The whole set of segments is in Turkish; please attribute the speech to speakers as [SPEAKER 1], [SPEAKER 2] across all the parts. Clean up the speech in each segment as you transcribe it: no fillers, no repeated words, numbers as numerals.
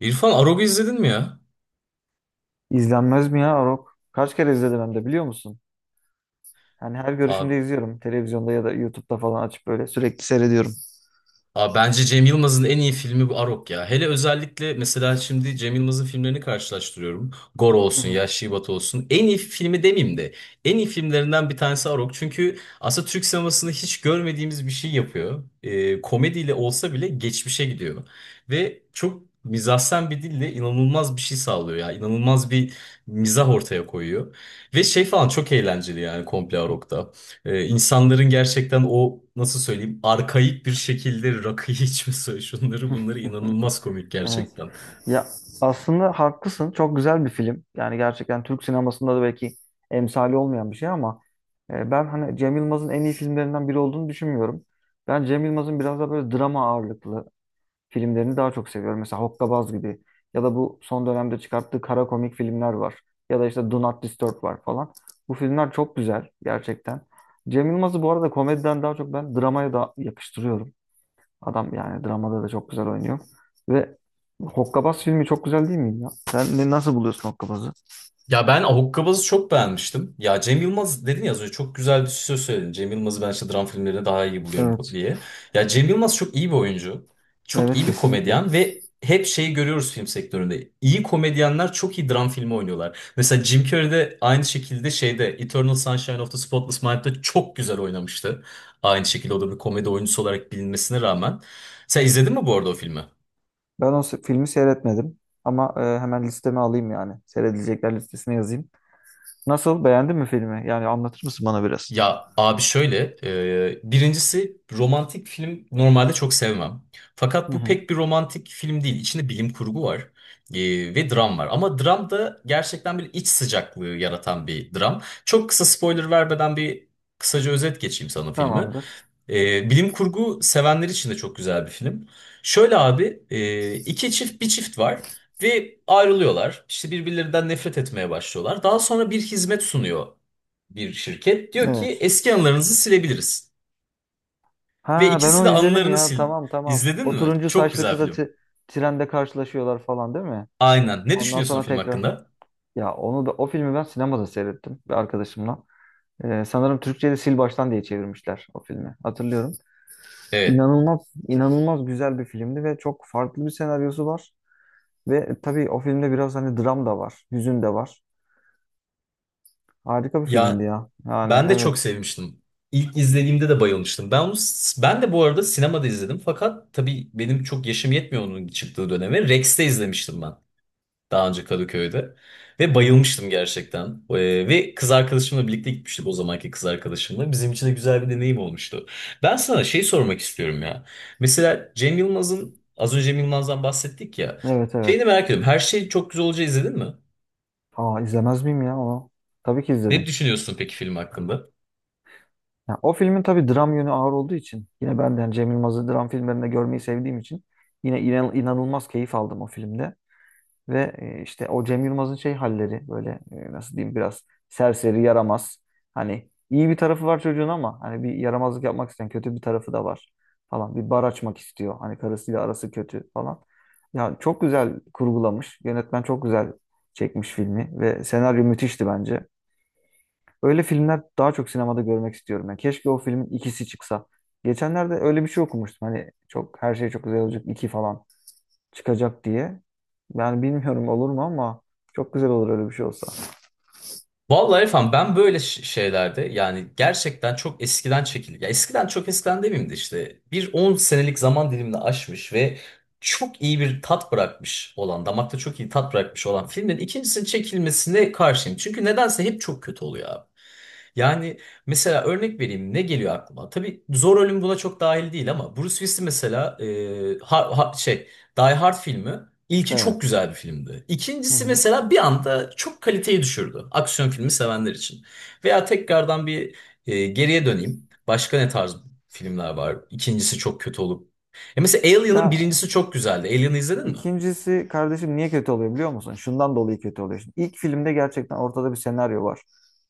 [SPEAKER 1] İrfan Arog'u izledin mi ya?
[SPEAKER 2] İzlenmez mi ya Arok? Kaç kere izledim hem de biliyor musun? Yani her
[SPEAKER 1] Abi,
[SPEAKER 2] görüşümde izliyorum. Televizyonda ya da YouTube'da falan açıp böyle sürekli seyrediyorum.
[SPEAKER 1] abi, bence Cem Yılmaz'ın en iyi filmi bu Arog ya. Hele özellikle mesela şimdi Cem Yılmaz'ın filmlerini karşılaştırıyorum. Gor
[SPEAKER 2] Hı
[SPEAKER 1] olsun,
[SPEAKER 2] hı.
[SPEAKER 1] ya Batı olsun. En iyi filmi demeyeyim de en iyi filmlerinden bir tanesi Arog. Çünkü aslında Türk sinemasında hiç görmediğimiz bir şey yapıyor. Komediyle olsa bile geçmişe gidiyor. Ve çok mizahsen bir dille inanılmaz bir şey sağlıyor ya. İnanılmaz bir mizah ortaya koyuyor. Ve şey falan çok eğlenceli yani komple Arog'da. İnsanların gerçekten o nasıl söyleyeyim arkaik bir şekilde rakıyı içmesi, şunları bunları inanılmaz komik
[SPEAKER 2] Evet.
[SPEAKER 1] gerçekten.
[SPEAKER 2] Ya aslında haklısın. Çok güzel bir film. Yani gerçekten Türk sinemasında da belki emsali olmayan bir şey ama ben hani Cem Yılmaz'ın en iyi filmlerinden biri olduğunu düşünmüyorum. Ben Cem Yılmaz'ın biraz da böyle drama ağırlıklı filmlerini daha çok seviyorum. Mesela Hokkabaz gibi ya da bu son dönemde çıkarttığı kara komik filmler var. Ya da işte Do Not Disturb var falan. Bu filmler çok güzel gerçekten. Cem Yılmaz'ı bu arada komediden daha çok ben dramaya da yakıştırıyorum. Adam yani dramada da çok güzel oynuyor. Ve Hokkabaz filmi çok güzel değil mi ya? Sen ne, nasıl buluyorsun Hokkabaz'ı?
[SPEAKER 1] Ya ben Ahukkabaaz'ı çok beğenmiştim. Ya Cem Yılmaz dedin ya az önce çok güzel bir söz söyledin. Cem Yılmaz'ı ben işte dram filmlerinde daha iyi buluyorum
[SPEAKER 2] Evet.
[SPEAKER 1] diye. Ya Cem Yılmaz çok iyi bir oyuncu. Çok
[SPEAKER 2] Evet
[SPEAKER 1] iyi bir
[SPEAKER 2] kesinlikle.
[SPEAKER 1] komedyen ve hep şeyi görüyoruz film sektöründe. İyi komedyenler çok iyi dram filmi oynuyorlar. Mesela Jim Carrey de aynı şekilde şeyde Eternal Sunshine of the Spotless Mind'de çok güzel oynamıştı. Aynı şekilde o da bir komedi oyuncusu olarak bilinmesine rağmen. Sen izledin mi bu arada o filmi?
[SPEAKER 2] Filmi seyretmedim ama hemen listeme alayım yani. Seyredilecekler listesine yazayım. Nasıl? Beğendin mi filmi? Yani anlatır mısın bana biraz?
[SPEAKER 1] Ya abi şöyle, birincisi romantik film normalde çok sevmem.
[SPEAKER 2] Hı
[SPEAKER 1] Fakat bu
[SPEAKER 2] hı.
[SPEAKER 1] pek bir romantik film değil. İçinde bilim kurgu var, ve dram var. Ama dram da gerçekten bir iç sıcaklığı yaratan bir dram. Çok kısa spoiler vermeden bir kısaca özet geçeyim sana filmi.
[SPEAKER 2] Tamamdır.
[SPEAKER 1] Bilim kurgu sevenler için de çok güzel bir film. Şöyle abi, iki çift bir çift var ve ayrılıyorlar. İşte birbirlerinden nefret etmeye başlıyorlar. Daha sonra bir hizmet sunuyor bir şirket. Diyor ki
[SPEAKER 2] Evet.
[SPEAKER 1] eski anılarınızı silebiliriz. Ve
[SPEAKER 2] Ha ben
[SPEAKER 1] ikisi de
[SPEAKER 2] onu izledim
[SPEAKER 1] anılarını
[SPEAKER 2] ya.
[SPEAKER 1] sil.
[SPEAKER 2] Tamam tamam.
[SPEAKER 1] İzledin
[SPEAKER 2] O
[SPEAKER 1] mi?
[SPEAKER 2] turuncu
[SPEAKER 1] Çok
[SPEAKER 2] saçlı
[SPEAKER 1] güzel
[SPEAKER 2] kızla
[SPEAKER 1] film.
[SPEAKER 2] ti- trende karşılaşıyorlar falan değil mi?
[SPEAKER 1] Aynen. Ne
[SPEAKER 2] Ondan
[SPEAKER 1] düşünüyorsun o
[SPEAKER 2] sonra
[SPEAKER 1] film
[SPEAKER 2] tekrar.
[SPEAKER 1] hakkında?
[SPEAKER 2] Ya onu da o filmi ben sinemada seyrettim bir arkadaşımla. Sanırım Türkçe'de Sil Baştan diye çevirmişler o filmi. Hatırlıyorum.
[SPEAKER 1] Evet.
[SPEAKER 2] İnanılmaz inanılmaz güzel bir filmdi ve çok farklı bir senaryosu var. Ve tabii o filmde biraz hani dram da var, hüzün de var. Harika bir filmdi
[SPEAKER 1] Ya
[SPEAKER 2] ya. Yani
[SPEAKER 1] ben de çok
[SPEAKER 2] evet.
[SPEAKER 1] sevmiştim. İlk izlediğimde de bayılmıştım. Ben de bu arada sinemada izledim. Fakat tabii benim çok yaşım yetmiyor onun çıktığı döneme. Rex'te izlemiştim ben. Daha önce Kadıköy'de. Ve
[SPEAKER 2] Hı hı.
[SPEAKER 1] bayılmıştım gerçekten. Ve kız arkadaşımla birlikte gitmiştik o zamanki kız arkadaşımla. Bizim için de güzel bir deneyim olmuştu. Ben sana şey sormak istiyorum ya. Mesela Cem Yılmaz'ın, az önce Cem Yılmaz'dan bahsettik ya.
[SPEAKER 2] Evet
[SPEAKER 1] Şeyini
[SPEAKER 2] evet.
[SPEAKER 1] merak ediyorum. Her şey çok güzel olacağı izledin mi?
[SPEAKER 2] Aa izlemez miyim ya onu? Tabii ki
[SPEAKER 1] Ne
[SPEAKER 2] izledim.
[SPEAKER 1] düşünüyorsun peki film hakkında?
[SPEAKER 2] Ya, o filmin tabii dram yönü ağır olduğu için yine ben de yani Cem Yılmaz'ı dram filmlerinde görmeyi sevdiğim için yine inanılmaz keyif aldım o filmde. Ve işte o Cem Yılmaz'ın şey halleri böyle nasıl diyeyim biraz serseri yaramaz. Hani iyi bir tarafı var çocuğun ama hani bir yaramazlık yapmak isteyen kötü bir tarafı da var falan. Bir bar açmak istiyor. Hani karısıyla arası kötü falan. Ya çok güzel kurgulamış. Yönetmen çok güzel çekmiş filmi ve senaryo müthişti bence. Öyle filmler daha çok sinemada görmek istiyorum. Yani keşke o filmin ikisi çıksa. Geçenlerde öyle bir şey okumuştum. Hani çok her şey çok güzel olacak iki falan çıkacak diye. Yani bilmiyorum olur mu ama çok güzel olur öyle bir şey olsa.
[SPEAKER 1] Vallahi efendim ben böyle şeylerde yani gerçekten çok eskiden çekildi. Ya eskiden çok eskiden demeyeyim de işte bir 10 senelik zaman dilimini aşmış ve çok iyi bir tat bırakmış olan, damakta çok iyi tat bırakmış olan filmin ikincisinin çekilmesine karşıyım. Çünkü nedense hep çok kötü oluyor abi. Yani mesela örnek vereyim ne geliyor aklıma? Tabii Zor Ölüm buna çok dahil değil ama Bruce Willis mesela Die Hard filmi ilki çok
[SPEAKER 2] Evet.
[SPEAKER 1] güzel bir filmdi.
[SPEAKER 2] Hı
[SPEAKER 1] İkincisi
[SPEAKER 2] hı.
[SPEAKER 1] mesela bir anda çok kaliteyi düşürdü aksiyon filmi sevenler için. Veya tekrardan geriye döneyim. Başka ne tarz filmler var? İkincisi çok kötü olup. Mesela Alien'ın
[SPEAKER 2] Ya,
[SPEAKER 1] birincisi çok güzeldi. Alien'ı izledin mi?
[SPEAKER 2] İkincisi kardeşim niye kötü oluyor biliyor musun? Şundan dolayı kötü oluyor. Şimdi ilk filmde gerçekten ortada bir senaryo var.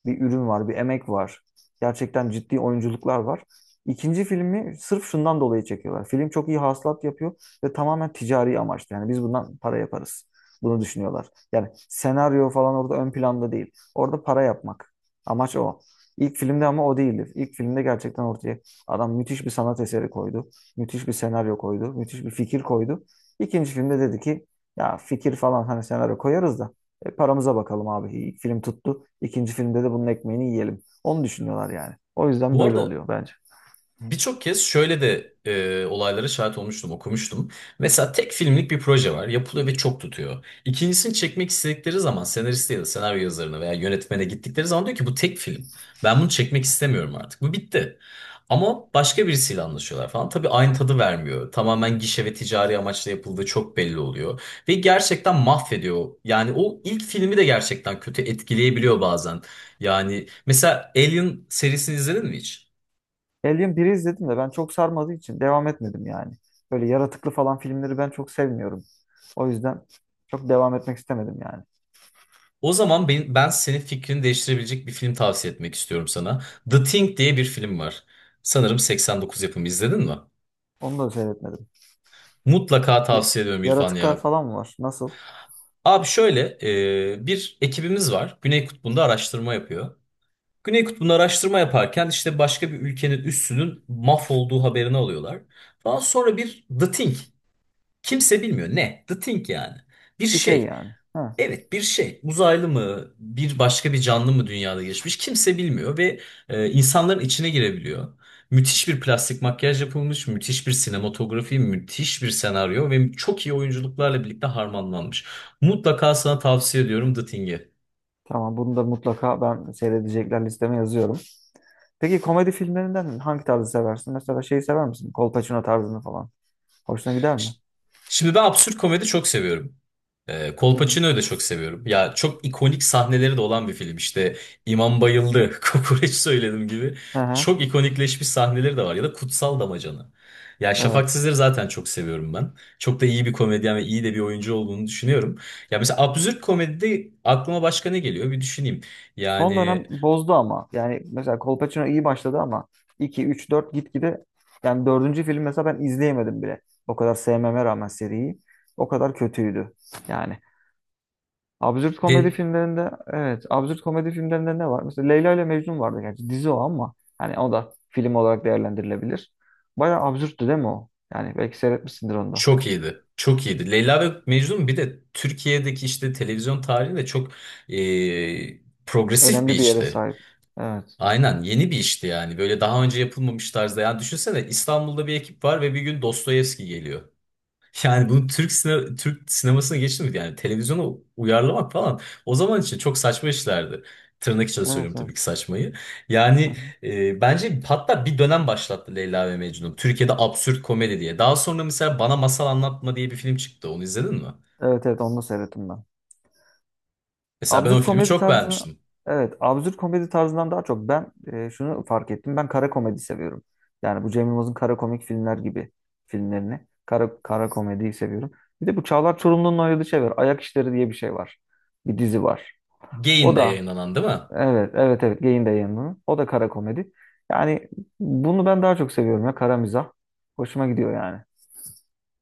[SPEAKER 2] Bir ürün var, bir emek var. Gerçekten ciddi oyunculuklar var. İkinci filmi sırf şundan dolayı çekiyorlar. Film çok iyi hasılat yapıyor ve tamamen ticari amaçlı. Yani biz bundan para yaparız. Bunu düşünüyorlar. Yani senaryo falan orada ön planda değil. Orada para yapmak. Amaç o. İlk filmde ama o değildi. İlk filmde gerçekten ortaya adam müthiş bir sanat eseri koydu. Müthiş bir senaryo koydu. Müthiş bir fikir koydu. İkinci filmde dedi ki ya fikir falan hani senaryo koyarız da paramıza bakalım abi. İlk film tuttu. İkinci filmde de bunun ekmeğini yiyelim. Onu düşünüyorlar yani. O yüzden
[SPEAKER 1] Bu
[SPEAKER 2] böyle
[SPEAKER 1] arada
[SPEAKER 2] oluyor bence.
[SPEAKER 1] birçok kez şöyle de, olaylara şahit olmuştum, okumuştum. Mesela tek filmlik bir proje var, yapılıyor ve çok tutuyor. İkincisini çekmek istedikleri zaman senariste ya da senaryo yazarına veya yönetmene gittikleri zaman diyor ki bu tek film. Ben bunu çekmek istemiyorum artık. Bu bitti. Ama başka birisiyle anlaşıyorlar falan. Tabii aynı tadı vermiyor. Tamamen gişe ve ticari amaçla yapıldığı çok belli oluyor. Ve gerçekten mahvediyor. Yani o ilk filmi de gerçekten kötü etkileyebiliyor bazen. Yani mesela Alien serisini izledin mi hiç?
[SPEAKER 2] Alien biri izledim de ben çok sarmadığı için devam etmedim yani. Böyle yaratıklı falan filmleri ben çok sevmiyorum. O yüzden çok devam etmek istemedim yani.
[SPEAKER 1] O zaman ben senin fikrini değiştirebilecek bir film tavsiye etmek istiyorum sana. The Thing diye bir film var. Sanırım 89 yapımı izledin mi?
[SPEAKER 2] Onu da seyretmedim.
[SPEAKER 1] Mutlaka
[SPEAKER 2] Bir-
[SPEAKER 1] tavsiye ediyorum İrfan
[SPEAKER 2] yaratıklar
[SPEAKER 1] ya.
[SPEAKER 2] falan mı var? Nasıl?
[SPEAKER 1] Abi şöyle, bir ekibimiz var. Güney Kutbu'nda araştırma yapıyor. Güney Kutbu'nda araştırma yaparken işte başka bir ülkenin üssünün mahvolduğu haberini alıyorlar. Daha sonra bir The Thing. Kimse bilmiyor ne? The Thing yani. Bir
[SPEAKER 2] Bir şey
[SPEAKER 1] şey.
[SPEAKER 2] yani. Ha,
[SPEAKER 1] Evet, bir şey uzaylı mı bir başka bir canlı mı dünyada geçmiş kimse bilmiyor ve insanların içine girebiliyor. Müthiş bir plastik makyaj yapılmış, müthiş bir sinematografi, müthiş bir senaryo ve çok iyi oyunculuklarla birlikte harmanlanmış. Mutlaka sana tavsiye ediyorum The Thing'i.
[SPEAKER 2] tamam bunu da mutlaka ben seyredecekler listeme yazıyorum. Peki komedi filmlerinden hangi tarzı seversin? Mesela şeyi sever misin? Kolpaçino tarzını falan. Hoşuna gider
[SPEAKER 1] Ş-
[SPEAKER 2] mi?
[SPEAKER 1] Şimdi ben absürt komedi çok seviyorum.
[SPEAKER 2] Hı hı.
[SPEAKER 1] Kolpaçino'yu da çok seviyorum. Ya çok ikonik sahneleri de olan bir film. İşte İmam bayıldı, kokoreç söyledim gibi.
[SPEAKER 2] Hı hı.
[SPEAKER 1] Çok ikonikleşmiş sahneleri de var. Ya da Kutsal Damacana. Ya Şafak
[SPEAKER 2] Evet.
[SPEAKER 1] Sezer'i zaten çok seviyorum ben. Çok da iyi bir komedyen ve iyi de bir oyuncu olduğunu düşünüyorum. Ya mesela absürt komedide aklıma başka ne geliyor bir düşüneyim.
[SPEAKER 2] Son
[SPEAKER 1] Yani
[SPEAKER 2] dönem bozdu ama. Yani mesela Kolpaçino iyi başladı ama 2, 3, 4 gitgide yani dördüncü film mesela ben izleyemedim bile. O kadar sevmeme rağmen seriyi. O kadar kötüydü. Yani. Absürt
[SPEAKER 1] de
[SPEAKER 2] komedi filmlerinde evet. Absürt komedi filmlerinde ne var? Mesela Leyla ile Mecnun vardı gerçi. Dizi o ama. Hani o da film olarak değerlendirilebilir. Bayağı absürttü değil mi o? Yani belki seyretmişsindir onu da.
[SPEAKER 1] çok iyiydi. Çok iyiydi. Leyla ve Mecnun bir de Türkiye'deki işte televizyon tarihinde çok, progresif bir
[SPEAKER 2] Önemli bir yere
[SPEAKER 1] işti.
[SPEAKER 2] sahip. Evet.
[SPEAKER 1] Aynen yeni bir işti yani. Böyle daha önce yapılmamış tarzda. Yani düşünsene İstanbul'da bir ekip var ve bir gün Dostoyevski geliyor. Yani bunu Türk sinemasına geçti mi? Yani televizyona uyarlamak falan. O zaman için çok saçma işlerdi. Tırnak içinde
[SPEAKER 2] Evet,
[SPEAKER 1] söylüyorum tabii ki
[SPEAKER 2] evet.
[SPEAKER 1] saçmayı.
[SPEAKER 2] Hı
[SPEAKER 1] Yani,
[SPEAKER 2] hı.
[SPEAKER 1] bence hatta bir dönem başlattı Leyla ve Mecnun. Türkiye'de absürt komedi diye. Daha sonra mesela Bana Masal Anlatma diye bir film çıktı. Onu izledin mi?
[SPEAKER 2] Evet, evet onu da seyrettim ben.
[SPEAKER 1] Mesela ben o
[SPEAKER 2] Absürt
[SPEAKER 1] filmi
[SPEAKER 2] komedi
[SPEAKER 1] çok
[SPEAKER 2] tarzını
[SPEAKER 1] beğenmiştim.
[SPEAKER 2] evet, absürt komedi tarzından daha çok ben şunu fark ettim. Ben kara komedi seviyorum. Yani bu Cem Yılmaz'ın kara komik filmler gibi filmlerini. Kara komediyi seviyorum. Bir de bu Çağlar Çorumlu'nun oynadığı şey var. Ayak İşleri diye bir şey var. Bir dizi var. O
[SPEAKER 1] Gain'de
[SPEAKER 2] da
[SPEAKER 1] yayınlanan değil mi?
[SPEAKER 2] evet, evet, evet. Geyin de yanının. O da kara komedi. Yani bunu ben daha çok seviyorum ya. Kara mizah. Hoşuma gidiyor yani.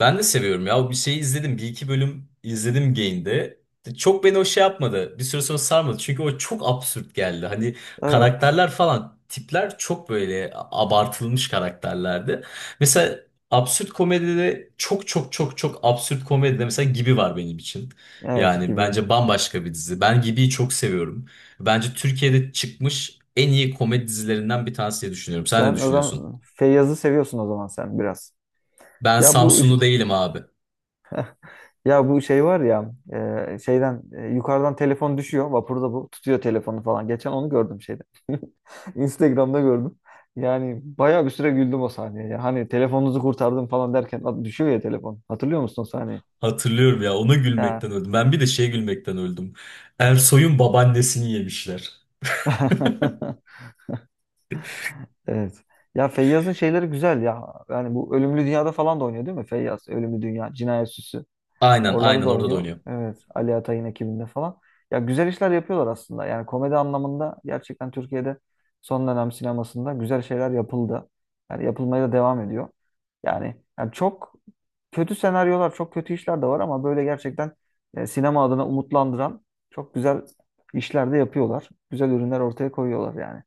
[SPEAKER 1] Ben de seviyorum ya. Bir şeyi izledim. Bir iki bölüm izledim Gain'de. Çok beni o şey yapmadı. Bir süre sonra sarmadı. Çünkü o çok absürt geldi. Hani
[SPEAKER 2] Evet,
[SPEAKER 1] karakterler falan tipler çok böyle abartılmış karakterlerdi. Mesela absürt komedide çok çok çok çok absürt komedide mesela Gibi var benim için.
[SPEAKER 2] evet
[SPEAKER 1] Yani
[SPEAKER 2] gibi.
[SPEAKER 1] bence bambaşka bir dizi. Ben Gibi'yi çok seviyorum. Bence Türkiye'de çıkmış en iyi komedi dizilerinden bir tanesi diye düşünüyorum. Sen ne
[SPEAKER 2] Sen o
[SPEAKER 1] düşünüyorsun?
[SPEAKER 2] zaman Feyyaz'ı seviyorsun o zaman sen biraz.
[SPEAKER 1] Ben
[SPEAKER 2] Ya bu
[SPEAKER 1] Samsunlu değilim abi.
[SPEAKER 2] ya bu şey var ya şeyden yukarıdan telefon düşüyor. Vapurda bu tutuyor telefonu falan. Geçen onu gördüm şeyde. Instagram'da gördüm. Yani bayağı bir süre güldüm o sahneye, ya. Hani telefonunuzu kurtardım falan derken at- düşüyor ya telefon. Hatırlıyor musun o sahneyi?
[SPEAKER 1] Hatırlıyorum ya, ona
[SPEAKER 2] Ya.
[SPEAKER 1] gülmekten öldüm. Ben bir de şeye gülmekten öldüm. Ersoy'un babaannesini yemişler.
[SPEAKER 2] Evet. Ya Feyyaz'ın şeyleri güzel ya. Yani bu Ölümlü Dünya'da falan da oynuyor değil mi Feyyaz? Ölümlü Dünya, Cinayet Süsü.
[SPEAKER 1] Aynen,
[SPEAKER 2] Oralarda
[SPEAKER 1] aynen,
[SPEAKER 2] da
[SPEAKER 1] orada da
[SPEAKER 2] oynuyor.
[SPEAKER 1] oynuyor.
[SPEAKER 2] Evet. Ali Atay'ın ekibinde falan. Ya güzel işler yapıyorlar aslında. Yani komedi anlamında gerçekten Türkiye'de son dönem sinemasında güzel şeyler yapıldı. Yani yapılmaya da devam ediyor. Yani çok kötü senaryolar, çok kötü işler de var ama böyle gerçekten sinema adına umutlandıran çok güzel işler de yapıyorlar. Güzel ürünler ortaya koyuyorlar yani.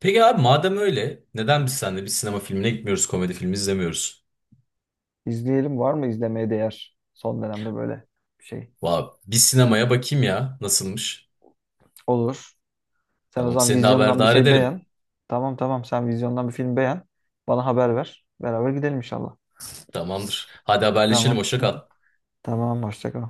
[SPEAKER 1] Peki abi madem öyle neden biz seninle bir sinema filmine gitmiyoruz, komedi filmi izlemiyoruz?
[SPEAKER 2] İzleyelim, var mı izlemeye değer son dönemde böyle bir şey?
[SPEAKER 1] Vay, bir sinemaya bakayım ya nasılmış.
[SPEAKER 2] Olur. Sen o
[SPEAKER 1] Tamam,
[SPEAKER 2] zaman
[SPEAKER 1] seni de
[SPEAKER 2] vizyondan bir
[SPEAKER 1] haberdar
[SPEAKER 2] şey
[SPEAKER 1] ederim.
[SPEAKER 2] beğen. Tamam sen vizyondan bir film beğen. Bana haber ver. Beraber gidelim inşallah.
[SPEAKER 1] Tamamdır. Hadi haberleşelim,
[SPEAKER 2] Tamam.
[SPEAKER 1] hoşça
[SPEAKER 2] Hı
[SPEAKER 1] kal.
[SPEAKER 2] hı. Tamam, hoşça kal.